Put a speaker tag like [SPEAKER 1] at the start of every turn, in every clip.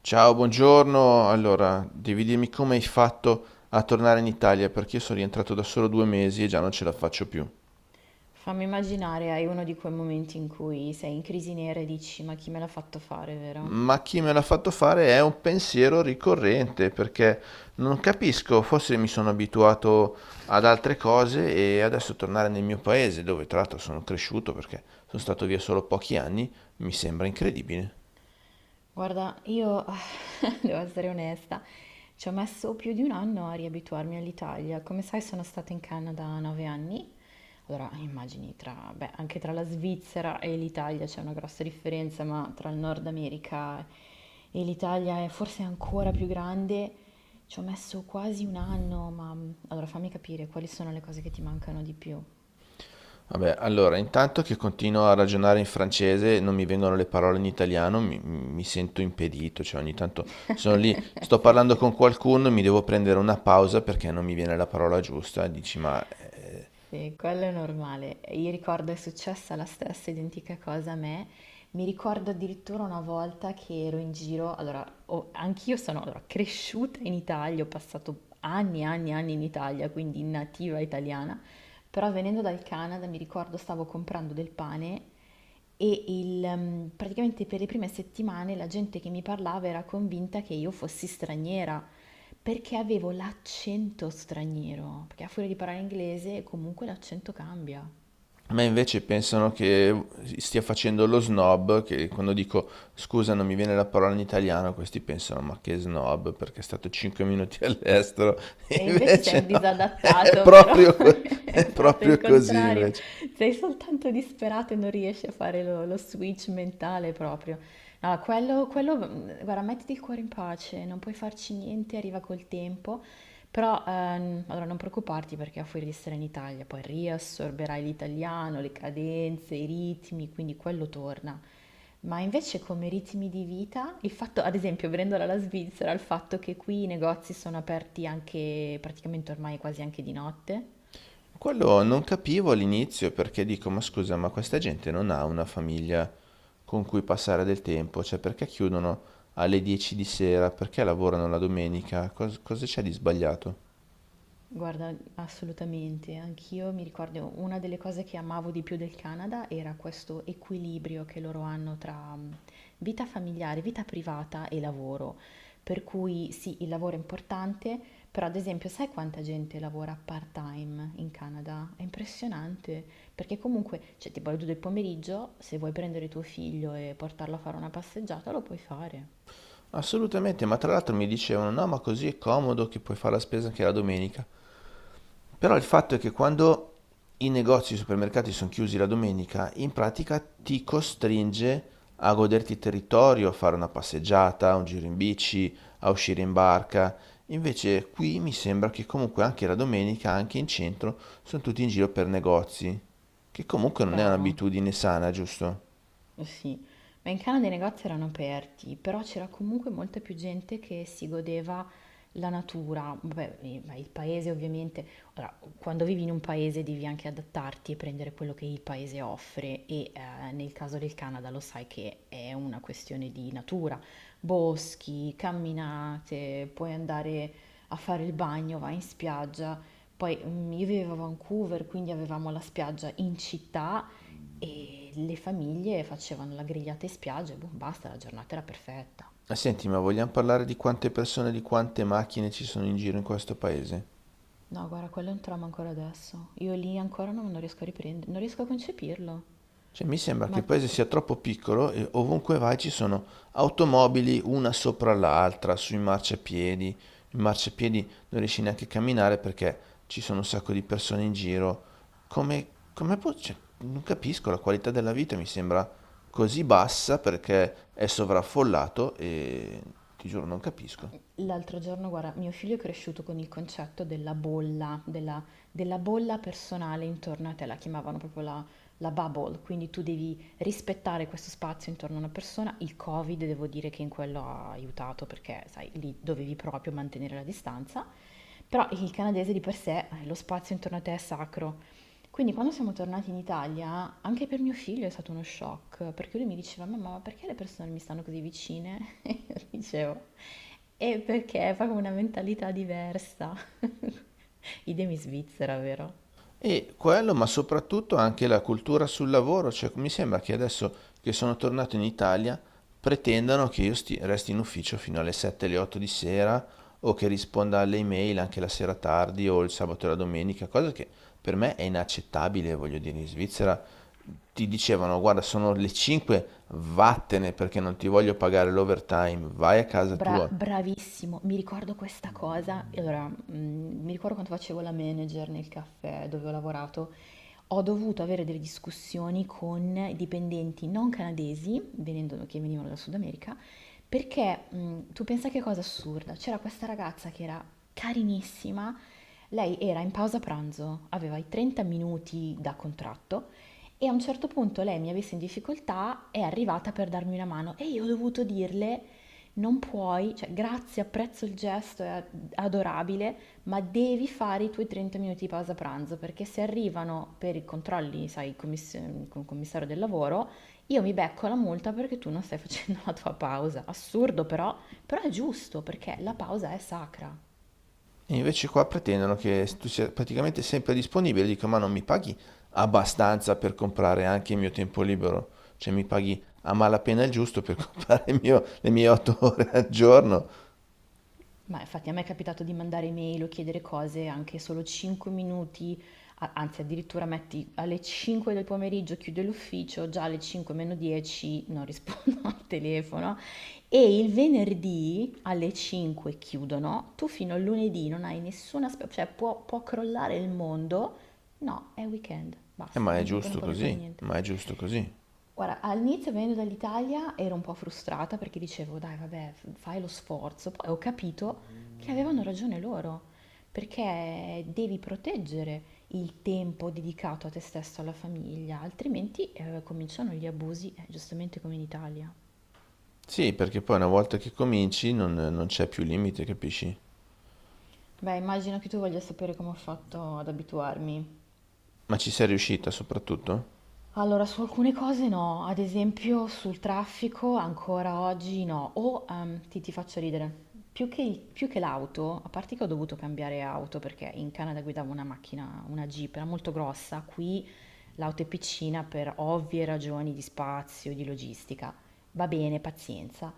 [SPEAKER 1] Ciao, buongiorno. Allora, devi dirmi come hai fatto a tornare in Italia perché io sono rientrato da solo 2 mesi e già non ce la faccio più.
[SPEAKER 2] Fammi immaginare, hai uno di quei momenti in cui sei in crisi nera e dici, ma chi me l'ha fatto fare, vero?
[SPEAKER 1] Ma chi me l'ha fatto fare è un pensiero ricorrente perché non capisco, forse mi sono abituato ad altre cose e adesso tornare nel mio paese, dove tra l'altro sono cresciuto perché sono stato via solo pochi anni, mi sembra incredibile.
[SPEAKER 2] Guarda, io devo essere onesta, ci ho messo più di un anno a riabituarmi all'Italia. Come sai, sono stata in Canada 9 anni. Allora, immagini, beh, anche tra la Svizzera e l'Italia c'è una grossa differenza, ma tra il Nord America e l'Italia è forse ancora più grande. Ci ho messo quasi un anno, ma allora fammi capire quali sono le cose che ti mancano di più.
[SPEAKER 1] Vabbè, allora, intanto che continuo a ragionare in francese, non mi vengono le parole in italiano, mi sento impedito, cioè ogni tanto sono lì, sto
[SPEAKER 2] Sì,
[SPEAKER 1] parlando
[SPEAKER 2] sì,
[SPEAKER 1] con qualcuno, mi devo prendere una pausa perché non mi viene la parola giusta, e dici, ma.
[SPEAKER 2] sì, quello è normale. Io ricordo è successa la stessa identica cosa a me. Mi ricordo addirittura una volta che ero in giro, allora, anch'io sono allora, cresciuta in Italia, ho passato anni e anni e anni in Italia, quindi nativa italiana, però venendo dal Canada mi ricordo stavo comprando del pane. Praticamente per le prime settimane la gente che mi parlava era convinta che io fossi straniera, perché avevo l'accento straniero, perché a furia di parlare inglese comunque l'accento cambia.
[SPEAKER 1] Ma invece pensano che stia facendo lo snob, che quando dico scusa non mi viene la parola in italiano, questi pensano ma che snob perché è stato 5 minuti all'estero,
[SPEAKER 2] E invece sei un
[SPEAKER 1] invece no, è
[SPEAKER 2] disadattato, vero?
[SPEAKER 1] proprio, è
[SPEAKER 2] Esatto, è il
[SPEAKER 1] proprio così
[SPEAKER 2] contrario.
[SPEAKER 1] invece.
[SPEAKER 2] Sei soltanto disperato e non riesci a fare lo switch mentale proprio. No, quello, guarda, mettiti il cuore in pace, non puoi farci niente, arriva col tempo. Però, allora non preoccuparti perché a furia di stare in Italia poi riassorberai l'italiano, le cadenze, i ritmi, quindi quello torna. Ma invece come ritmi di vita, il fatto, ad esempio, venendola dalla Svizzera, il fatto che qui i negozi sono aperti anche praticamente ormai quasi anche di notte.
[SPEAKER 1] Quello non capivo all'inizio perché dico, ma scusa, ma questa gente non ha una famiglia con cui passare del tempo, cioè perché chiudono alle 10 di sera, perché lavorano la domenica, cosa c'è di sbagliato?
[SPEAKER 2] Guarda, assolutamente, anch'io mi ricordo una delle cose che amavo di più del Canada era questo equilibrio che loro hanno tra vita familiare, vita privata e lavoro. Per cui sì, il lavoro è importante, però ad esempio sai quanta gente lavora part-time in Canada? È impressionante, perché comunque, cioè tipo alle 2 del pomeriggio, se vuoi prendere tuo figlio e portarlo a fare una passeggiata, lo puoi fare.
[SPEAKER 1] Assolutamente, ma tra l'altro mi dicevano, no, ma così è comodo che puoi fare la spesa anche la domenica. Però il fatto è che quando i negozi, e i supermercati sono chiusi la domenica, in pratica ti costringe a goderti il territorio, a fare una passeggiata, un giro in bici, a uscire in barca. Invece qui mi sembra che comunque anche la domenica, anche in centro, sono tutti in giro per negozi, che comunque non è
[SPEAKER 2] Bravo.
[SPEAKER 1] un'abitudine sana, giusto?
[SPEAKER 2] Eh sì, ma in Canada i negozi erano aperti, però c'era comunque molta più gente che si godeva la natura. Vabbè, ma il paese ovviamente, ora, quando vivi in un paese devi anche adattarti e prendere quello che il paese offre e nel caso del Canada lo sai che è una questione di natura, boschi, camminate, puoi andare a fare il bagno, vai in spiaggia. Poi io vivevo a Vancouver, quindi avevamo la spiaggia in città e le famiglie facevano la grigliata in spiaggia e boh, basta, la giornata era perfetta.
[SPEAKER 1] Ah, senti, ma vogliamo parlare di quante persone, di quante macchine ci sono in giro in questo paese?
[SPEAKER 2] No, guarda, quello è un trauma ancora adesso. Io lì ancora non riesco a riprendere, non riesco a concepirlo.
[SPEAKER 1] Cioè, mi sembra che il
[SPEAKER 2] Ma
[SPEAKER 1] paese sia troppo piccolo e ovunque vai ci sono automobili una sopra l'altra, sui marciapiedi. In marciapiedi non riesci neanche a camminare perché ci sono un sacco di persone in giro. Come, come può, cioè, non capisco, la qualità della vita mi sembra così bassa perché è sovraffollato e ti giuro non capisco.
[SPEAKER 2] l'altro giorno, guarda, mio figlio è cresciuto con il concetto della bolla, della bolla personale intorno a te, la chiamavano proprio la bubble, quindi tu devi rispettare questo spazio intorno a una persona. Il Covid devo dire che in quello ha aiutato perché, sai, lì dovevi proprio mantenere la distanza, però il canadese di per sé, lo spazio intorno a te è sacro, quindi quando siamo tornati in Italia, anche per mio figlio è stato uno shock, perché lui mi diceva, mamma, ma perché le persone mi stanno così vicine? E io dicevo, e perché è proprio una mentalità diversa. Idem in Svizzera, vero?
[SPEAKER 1] E quello, ma soprattutto anche la cultura sul lavoro, cioè mi sembra che adesso che sono tornato in Italia pretendano che io resti in ufficio fino alle 7, alle 8 di sera o che risponda alle email anche la sera tardi o il sabato e la domenica, cosa che per me è inaccettabile, voglio dire, in Svizzera ti dicevano guarda sono le 5, vattene perché non ti voglio pagare l'overtime, vai a casa tua.
[SPEAKER 2] Bravissimo, mi ricordo questa cosa. E allora, mi ricordo quando facevo la manager nel caffè dove ho lavorato. Ho dovuto avere delle discussioni con i dipendenti non canadesi, che venivano dal Sud America, perché tu pensa che cosa assurda, c'era questa ragazza che era carinissima, lei era in pausa pranzo, aveva i 30 minuti da contratto e a un certo punto lei mi ha visto in difficoltà, è arrivata per darmi una mano e io ho dovuto dirle non puoi, cioè grazie, apprezzo il gesto, è adorabile, ma devi fare i tuoi 30 minuti di pausa pranzo perché se arrivano per i controlli, sai, con il commissario del lavoro, io mi becco la multa perché tu non stai facendo la tua pausa. Assurdo però, è giusto perché la pausa è sacra.
[SPEAKER 1] E invece qua pretendono che tu sia praticamente sempre disponibile. Dico, ma non mi paghi abbastanza per comprare anche il mio tempo libero? Cioè mi paghi a malapena il giusto per comprare le mie 8 ore al giorno?
[SPEAKER 2] Ma infatti a me è capitato di mandare email o chiedere cose anche solo 5 minuti, anzi addirittura metti alle 5 del pomeriggio chiudo l'ufficio, già alle 5 meno 10 non rispondo al telefono e il venerdì alle 5 chiudono, tu fino al lunedì non hai nessuna, cioè può crollare il mondo, no, è weekend, basta,
[SPEAKER 1] Ma è
[SPEAKER 2] non
[SPEAKER 1] giusto
[SPEAKER 2] puoi più fare
[SPEAKER 1] così,
[SPEAKER 2] niente.
[SPEAKER 1] ma è giusto così.
[SPEAKER 2] Guarda, all'inizio venendo dall'Italia ero un po' frustrata perché dicevo: "Dai, vabbè, f fai lo sforzo". Poi ho capito che avevano ragione loro, perché devi proteggere il tempo dedicato a te stesso, alla famiglia, altrimenti, cominciano gli abusi, giustamente come in Italia.
[SPEAKER 1] Sì, perché poi una volta che cominci non c'è più limite, capisci?
[SPEAKER 2] Beh, immagino che tu voglia sapere come ho fatto ad abituarmi.
[SPEAKER 1] Ma ci sei riuscita soprattutto?
[SPEAKER 2] Allora, su alcune cose no, ad esempio sul traffico ancora oggi no, o ti faccio ridere, più che, più che l'auto, a parte che ho dovuto cambiare auto perché in Canada guidavo una macchina, una Jeep, era molto grossa, qui l'auto è piccina per ovvie ragioni di spazio, di logistica, va bene, pazienza,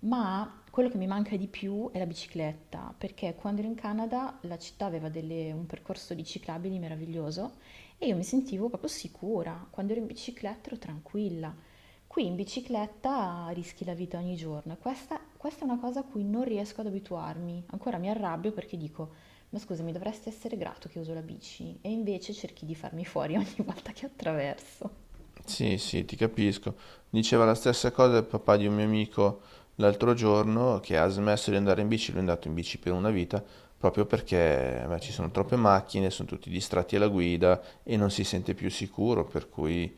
[SPEAKER 2] ma quello che mi manca di più è la bicicletta, perché quando ero in Canada la città aveva un percorso di ciclabili meraviglioso e io mi sentivo proprio sicura, quando ero in bicicletta ero tranquilla. Qui in bicicletta rischi la vita ogni giorno. Questa è una cosa a cui non riesco ad abituarmi. Ancora mi arrabbio perché dico, ma scusami, dovresti essere grato che uso la bici. E invece cerchi di farmi fuori ogni volta che attraverso.
[SPEAKER 1] Sì, sì, ti capisco. Diceva la stessa cosa il papà di un mio amico l'altro giorno che ha smesso di andare in bici, lui è andato in bici per una vita, proprio perché beh, ci sono troppe macchine, sono tutti distratti alla guida e non si sente più sicuro, per cui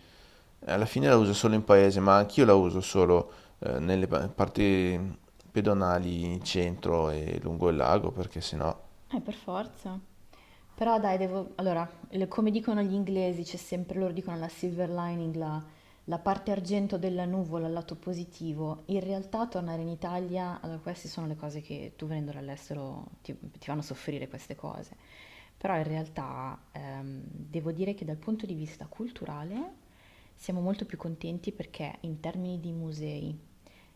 [SPEAKER 1] alla fine la uso solo in paese, ma anch'io la uso solo nelle parti pedonali in centro e lungo il lago, perché sennò.
[SPEAKER 2] Per forza. Però dai, devo. Allora, come dicono gli inglesi, c'è sempre, loro dicono la silver lining, la parte argento della nuvola, il lato positivo. In realtà tornare in Italia, allora queste sono le cose che tu venendo dall'estero ti fanno soffrire queste cose. Però in realtà devo dire che dal punto di vista culturale siamo molto più contenti perché in termini di musei,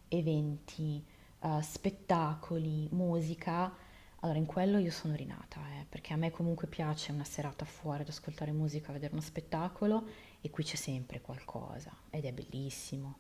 [SPEAKER 2] eventi, spettacoli, musica. Allora, in quello io sono rinata, perché a me comunque piace una serata fuori ad ascoltare musica, vedere uno spettacolo e qui c'è sempre qualcosa ed è bellissimo.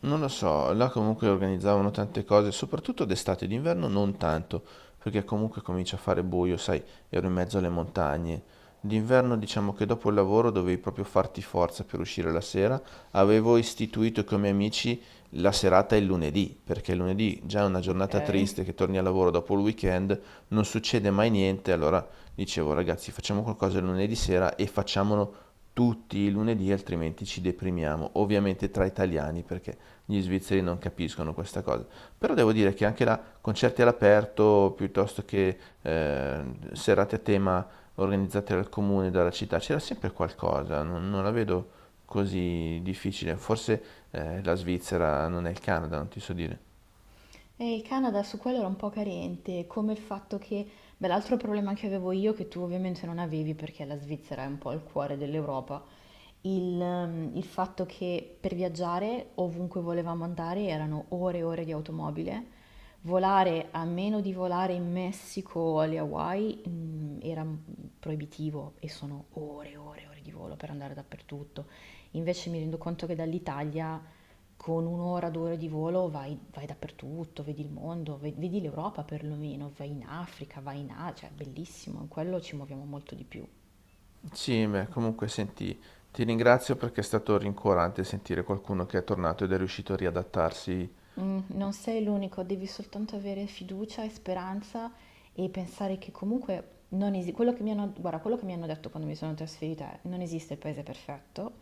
[SPEAKER 1] Non lo so, là comunque organizzavano tante cose, soprattutto d'estate, d'inverno non tanto, perché comunque comincia a fare buio, sai, ero in mezzo alle montagne. D'inverno diciamo che dopo il lavoro dovevi proprio farti forza per uscire la sera. Avevo istituito con i miei amici la serata il lunedì, perché il lunedì già è una
[SPEAKER 2] Ok.
[SPEAKER 1] giornata triste che torni al lavoro dopo il weekend, non succede mai niente, allora dicevo ragazzi facciamo qualcosa il lunedì sera e facciamolo tutti i lunedì, altrimenti ci deprimiamo. Ovviamente tra italiani, perché gli svizzeri non capiscono questa cosa. Però devo dire che anche là, concerti all'aperto, piuttosto che serate a tema organizzate dal comune, dalla città, c'era sempre qualcosa, non la vedo così difficile. Forse la Svizzera non è il Canada, non ti so dire.
[SPEAKER 2] E il Canada su quello era un po' carente, come il fatto che, beh, l'altro problema che avevo io, che tu ovviamente non avevi perché la Svizzera è un po' il cuore dell'Europa, il fatto che per viaggiare ovunque volevamo andare erano ore e ore di automobile, volare a meno di volare in Messico o alle Hawaii era proibitivo e sono ore e ore e ore di volo per andare dappertutto. Invece mi rendo conto che dall'Italia con un'ora, 2 ore di volo vai dappertutto, vedi il mondo, vedi l'Europa perlomeno, vai in Africa, vai in Asia, cioè è bellissimo, in quello ci muoviamo molto di più.
[SPEAKER 1] Sì, beh, comunque senti, ti ringrazio perché è stato rincuorante sentire qualcuno che è tornato ed è riuscito a riadattarsi.
[SPEAKER 2] Non sei l'unico, devi soltanto avere fiducia e speranza e pensare che comunque non esi quello che mi hanno guarda, quello che mi hanno detto quando mi sono trasferita è: "Non esiste il paese perfetto",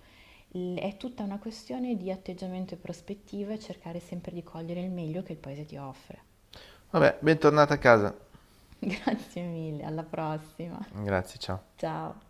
[SPEAKER 2] l è tutta una questione di atteggiamento e prospettiva e cercare sempre di cogliere il meglio che il paese ti offre.
[SPEAKER 1] Vabbè, bentornata a casa.
[SPEAKER 2] Grazie mille, alla prossima.
[SPEAKER 1] Grazie, ciao.
[SPEAKER 2] Ciao.